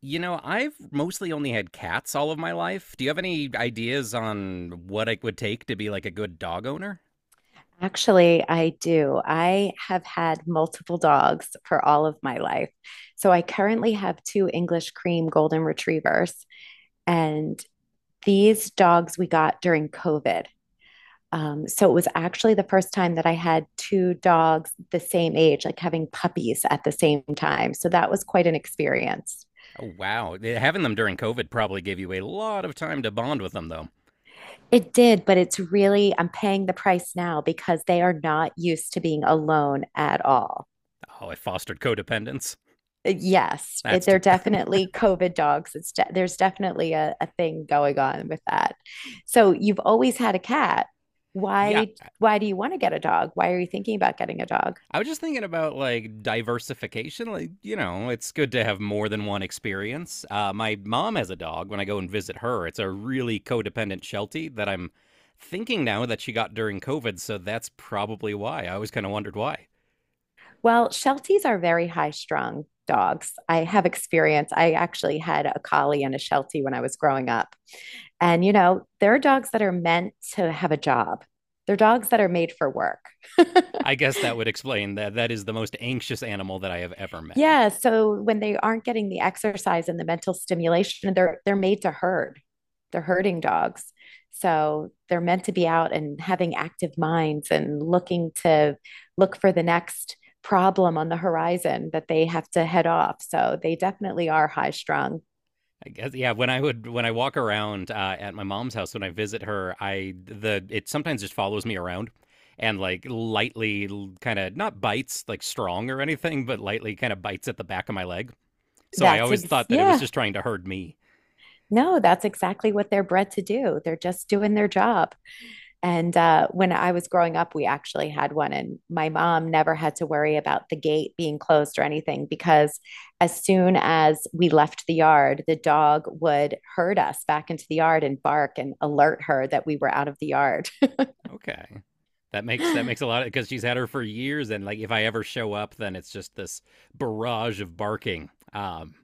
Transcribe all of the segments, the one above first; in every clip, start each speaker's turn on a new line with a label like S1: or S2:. S1: You know, I've mostly only had cats all of my life. Do you have any ideas on what it would take to be like a good dog owner?
S2: Actually, I do. I have had multiple dogs for all of my life. So I currently have two English cream golden retrievers, and these dogs we got during COVID. So it was actually the first time that I had two dogs the same age, like having puppies at the same time. So that was quite an experience.
S1: Oh, wow. Having them during COVID probably gave you a lot of time to bond with them, though.
S2: It did, but it's really, I'm paying the price now because they are not used to being alone at all.
S1: Oh, it fostered codependence.
S2: Yes,
S1: That's too
S2: they're
S1: bad.
S2: definitely COVID dogs. It's de There's definitely a thing going on with that. So you've always had a cat.
S1: Yeah,
S2: Why do you want to get a dog? Why are you thinking about getting a dog?
S1: I was just thinking about like diversification. Like, you know, it's good to have more than one experience. My mom has a dog. When I go and visit her, it's a really codependent Sheltie that I'm thinking now that she got during COVID. So that's probably why. I always kind of wondered why.
S2: Well, Shelties are very high strung dogs. I have experience. I actually had a collie and a Sheltie when I was growing up. And there are dogs that are meant to have a job, they're dogs that are made for work.
S1: I guess that would explain that is the most anxious animal that I have ever met.
S2: Yeah, so when they aren't getting the exercise and the mental stimulation, they're made to herd. They're herding dogs. So they're meant to be out and having active minds and look for the next problem on the horizon that they have to head off. So they definitely are high strung.
S1: I guess yeah. When I walk around at my mom's house when I visit her, I the it sometimes just follows me around and like lightly kind of not bites like strong or anything, but lightly kind of bites at the back of my leg. So I always thought that it was
S2: Yeah.
S1: just trying to herd me.
S2: No, that's exactly what they're bred to do. They're just doing their job. And when I was growing up, we actually had one, and my mom never had to worry about the gate being closed or anything because as soon as we left the yard, the dog would herd us back into the yard and bark and alert her that we were out of the yard.
S1: Okay, that makes a lot of, because she's had her for years, and like if I ever show up, then it's just this barrage of barking.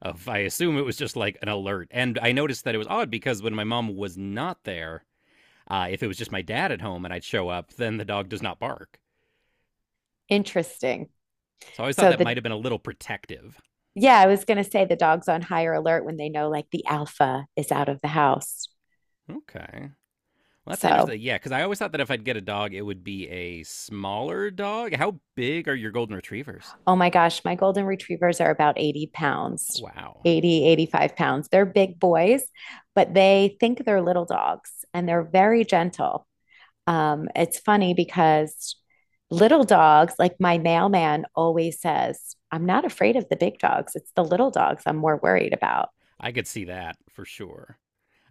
S1: Of I assume it was just like an alert, and I noticed that it was odd because when my mom was not there, if it was just my dad at home and I'd show up, then the dog does not bark.
S2: Interesting.
S1: So I always thought
S2: So,
S1: that
S2: the
S1: might have been a little protective.
S2: yeah, I was going to say the dog's on higher alert when they know like the alpha is out of the house.
S1: Okay. Well, that's
S2: So,
S1: interesting. Yeah, because I always thought that if I'd get a dog, it would be a smaller dog. How big are your golden retrievers?
S2: oh my gosh, my golden retrievers are about 80 pounds,
S1: Wow.
S2: 80, 85 pounds. They're big boys, but they think they're little dogs and they're very gentle. It's funny because little dogs, like my mailman always says, I'm not afraid of the big dogs. It's the little dogs I'm more worried about.
S1: I could see that for sure.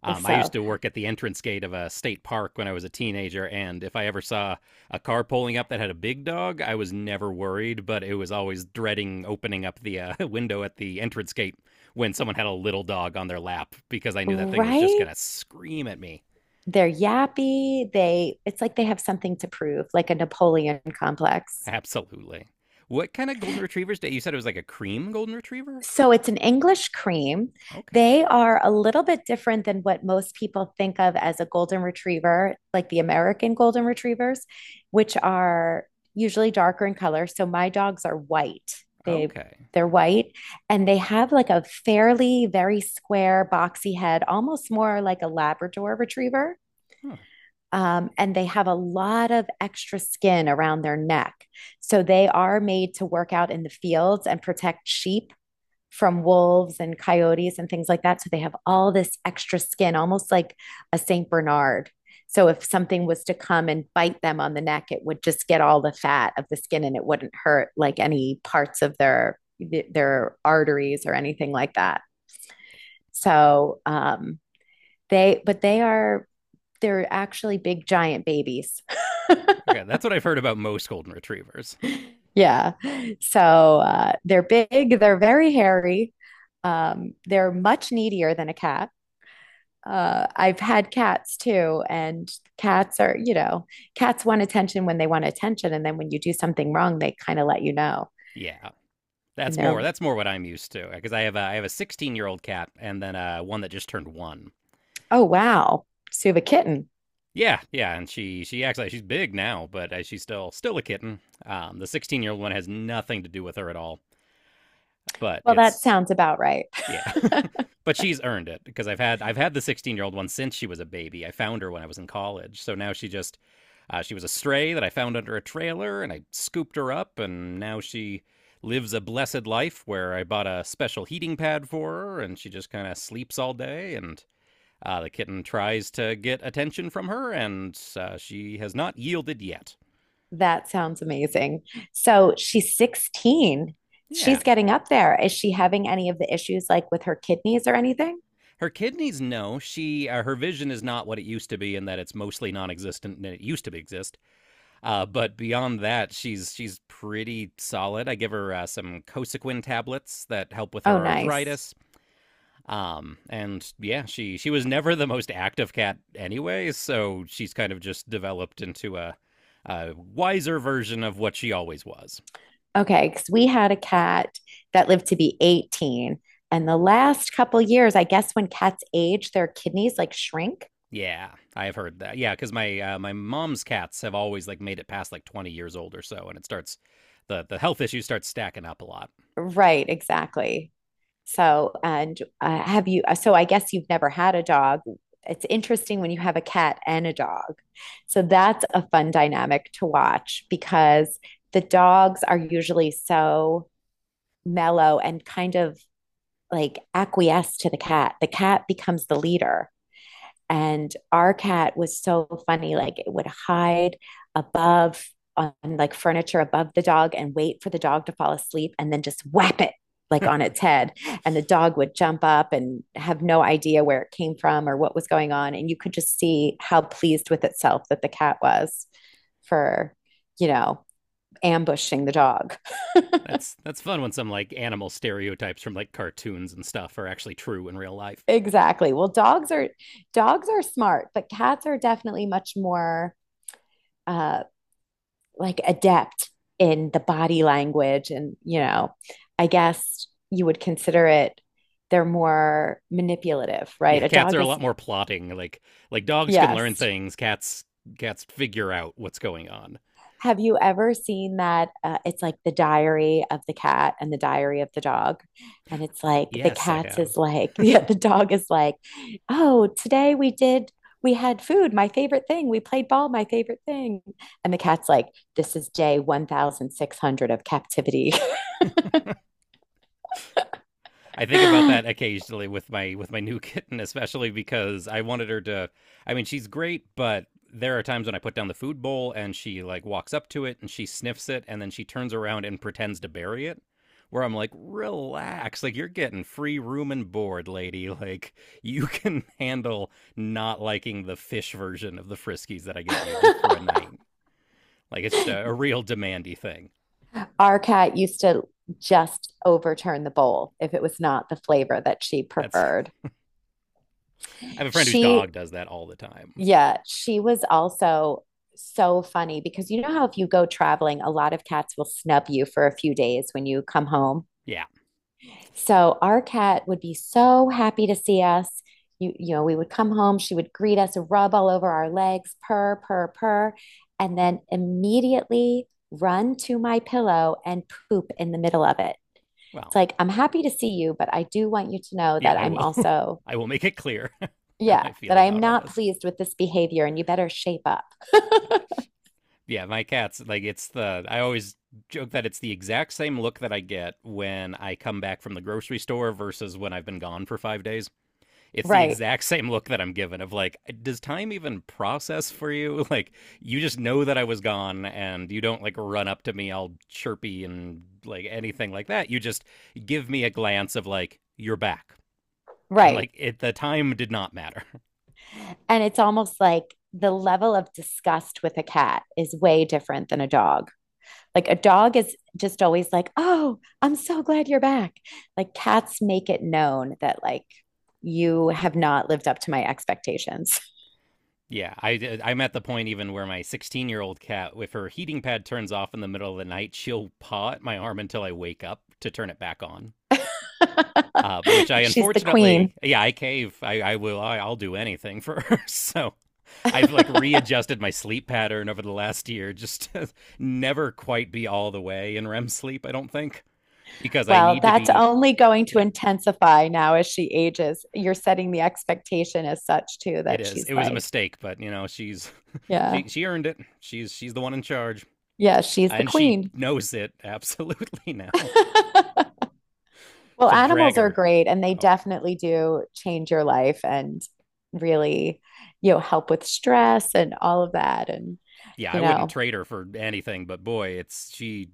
S1: I
S2: So,
S1: used to work at the entrance gate of a state park when I was a teenager, and if I ever saw a car pulling up that had a big dog, I was never worried, but it was always dreading opening up the window at the entrance gate when someone had a little dog on their lap because I knew that thing was just
S2: right?
S1: going to scream at me.
S2: They're yappy. It's like they have something to prove, like a Napoleon complex.
S1: Absolutely. What kind of golden retrievers? Did, you said it was like a cream golden retriever?
S2: So it's an English cream.
S1: Okay.
S2: They are a little bit different than what most people think of as a golden retriever, like the American golden retrievers, which are usually darker in color. So my dogs are white. They
S1: Okay.
S2: they're white and they have like a fairly very square boxy head, almost more like a Labrador retriever.
S1: Huh.
S2: And they have a lot of extra skin around their neck. So they are made to work out in the fields and protect sheep from wolves and coyotes and things like that. So they have all this extra skin, almost like a St. Bernard. So if something was to come and bite them on the neck, it would just get all the fat of the skin and it wouldn't hurt like any parts of their arteries or anything like that. So they but they are they're actually big giant babies.
S1: Okay. That's what I've heard about most golden retrievers.
S2: Yeah. They're big, they're very hairy. They're much needier than a cat. I've had cats too, and cats are, cats want attention when they want attention, and then when you do something wrong, they kind of let you know.
S1: Yeah.
S2: and
S1: That's more.
S2: they're,
S1: That's more what I'm used to because I have a 16-year-old cat and then one that just turned one.
S2: oh wow, so you have a kitten.
S1: Yeah, yeah, and she acts like she's big now, but she's still a kitten. The 16-year-old one has nothing to do with her at all, but
S2: Well, that
S1: it's
S2: sounds about right.
S1: yeah. But she's earned it because I've had the 16-year-old one since she was a baby. I found her when I was in college. So now she just she was a stray that I found under a trailer and I scooped her up and now she lives a blessed life where I bought a special heating pad for her and she just kind of sleeps all day and the kitten tries to get attention from her and she has not yielded yet.
S2: That sounds amazing. So she's 16.
S1: Yeah.
S2: She's getting up there. Is she having any of the issues like with her kidneys or anything?
S1: Her kidneys know she her vision is not what it used to be in that it's mostly non-existent and it used to exist. But beyond that, she's pretty solid. I give her some Cosequin tablets that help with her
S2: Oh, nice.
S1: arthritis. And yeah, she was never the most active cat anyway, so she's kind of just developed into a wiser version of what she always was.
S2: Okay, because we had a cat that lived to be 18. And the last couple years, I guess when cats age, their kidneys like shrink.
S1: Yeah, I've heard that. Yeah, because my my mom's cats have always like made it past like 20 years old or so, and it starts the health issues start stacking up a lot.
S2: Right, exactly. So, so I guess you've never had a dog. It's interesting when you have a cat and a dog. So that's a fun dynamic to watch because the dogs are usually so mellow and kind of like acquiesce to the cat. The cat becomes the leader. And our cat was so funny. Like it would hide above on like furniture above the dog and wait for the dog to fall asleep and then just whap it like on its head. And the dog would jump up and have no idea where it came from or what was going on. And you could just see how pleased with itself that the cat was for, you know, ambushing the dog.
S1: That's fun when some like animal stereotypes from like cartoons and stuff are actually true in real life.
S2: Exactly. Well, dogs are smart, but cats are definitely much more uh like adept in the body language and I guess you would consider it, they're more manipulative.
S1: Yeah,
S2: Right? a
S1: cats are
S2: dog
S1: a
S2: is
S1: lot more plotting. Like dogs can learn
S2: Yes.
S1: things, cats figure out what's going on.
S2: Have you ever seen that, it's like the diary of the cat and the diary of the dog, and it's like the
S1: Yes, I
S2: cat's
S1: have.
S2: is like yeah, the dog is like, oh, today we had food, my favorite thing. We played ball, my favorite thing. And the cat's like, this is day 1,600 of captivity.
S1: I think about that occasionally with my new kitten, especially because I wanted her to. I mean, she's great, but there are times when I put down the food bowl and she like walks up to it and she sniffs it and then she turns around and pretends to bury it. Where I'm like, relax, like you're getting free room and board, lady. Like you can handle not liking the fish version of the Friskies that I get you just for a night. Like it's just a real demandy thing.
S2: Our cat used to just overturn the bowl if it was not the flavor that she
S1: That's
S2: preferred.
S1: I have a friend whose dog
S2: She,
S1: does that all the time.
S2: yeah, she was also so funny because you know how if you go traveling, a lot of cats will snub you for a few days when you come home.
S1: Yeah.
S2: So our cat would be so happy to see us. We would come home, she would greet us, rub all over our legs, purr, purr, purr, and then immediately run to my pillow and poop in the middle of it. It's
S1: Well,
S2: like, I'm happy to see you, but I do want you to know
S1: yeah,
S2: that
S1: I
S2: I'm
S1: will.
S2: also,
S1: I will make it clear. How
S2: yeah,
S1: I
S2: that
S1: feel
S2: I am
S1: about all
S2: not
S1: this.
S2: pleased with this behavior and you better shape up.
S1: Gosh. Yeah, my cats, like, it's the, I always joke that it's the exact same look that I get when I come back from the grocery store versus when I've been gone for 5 days. It's the
S2: Right.
S1: exact same look that I'm given of, like, does time even process for you? Like, you just know that I was gone and you don't, like, run up to me all chirpy and, like, anything like that. You just give me a glance of, like, you're back. And,
S2: Right.
S1: like, it, the time did not matter.
S2: And it's almost like the level of disgust with a cat is way different than a dog. Like a dog is just always like, oh, I'm so glad you're back. Like cats make it known that, like, you have not lived up to my expectations.
S1: Yeah, I I'm at the point even where my 16-year-old cat, if her heating pad turns off in the middle of the night, she'll paw at my arm until I wake up to turn it back on. Which I
S2: She's the
S1: unfortunately,
S2: queen.
S1: yeah, I cave. I will. I'll do anything for her. So I've like readjusted my sleep pattern over the last year, just to never quite be all the way in REM sleep. I don't think because I
S2: Well,
S1: need to
S2: that's
S1: be.
S2: only going to
S1: Yeah,
S2: intensify now as she ages. You're setting the expectation as such, too,
S1: it
S2: that
S1: is.
S2: she's
S1: It was a
S2: like,
S1: mistake, but you know, she's
S2: yeah,
S1: she earned it. She's the one in charge.
S2: yeah, she's the
S1: And she
S2: queen.
S1: knows it absolutely now.
S2: Well,
S1: She'll drag
S2: animals are
S1: her.
S2: great and they
S1: Oh yeah.
S2: definitely do change your life and really, help with stress and all of that. And,
S1: Yeah,
S2: you
S1: I wouldn't
S2: know,
S1: trade her for anything, but boy, it's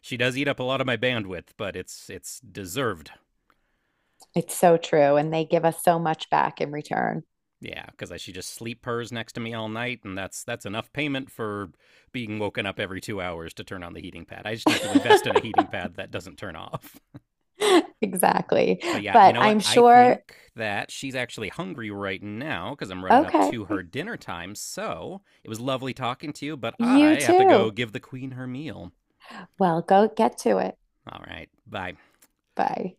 S1: she does eat up a lot of my bandwidth, but it's deserved.
S2: it's so true. And they give us so much back in return.
S1: Yeah, cuz she just sleep purrs next to me all night and that's enough payment for being woken up every 2 hours to turn on the heating pad. I just need to invest in a heating pad that doesn't turn off.
S2: Exactly.
S1: But yeah, you
S2: But
S1: know what?
S2: I'm
S1: I
S2: sure,
S1: think that she's actually hungry right now because I'm running up
S2: okay,
S1: to her dinner time. So it was lovely talking to you, but
S2: you
S1: I have to go
S2: too.
S1: give the queen her meal.
S2: Well, go get to it.
S1: All right. Bye.
S2: Bye.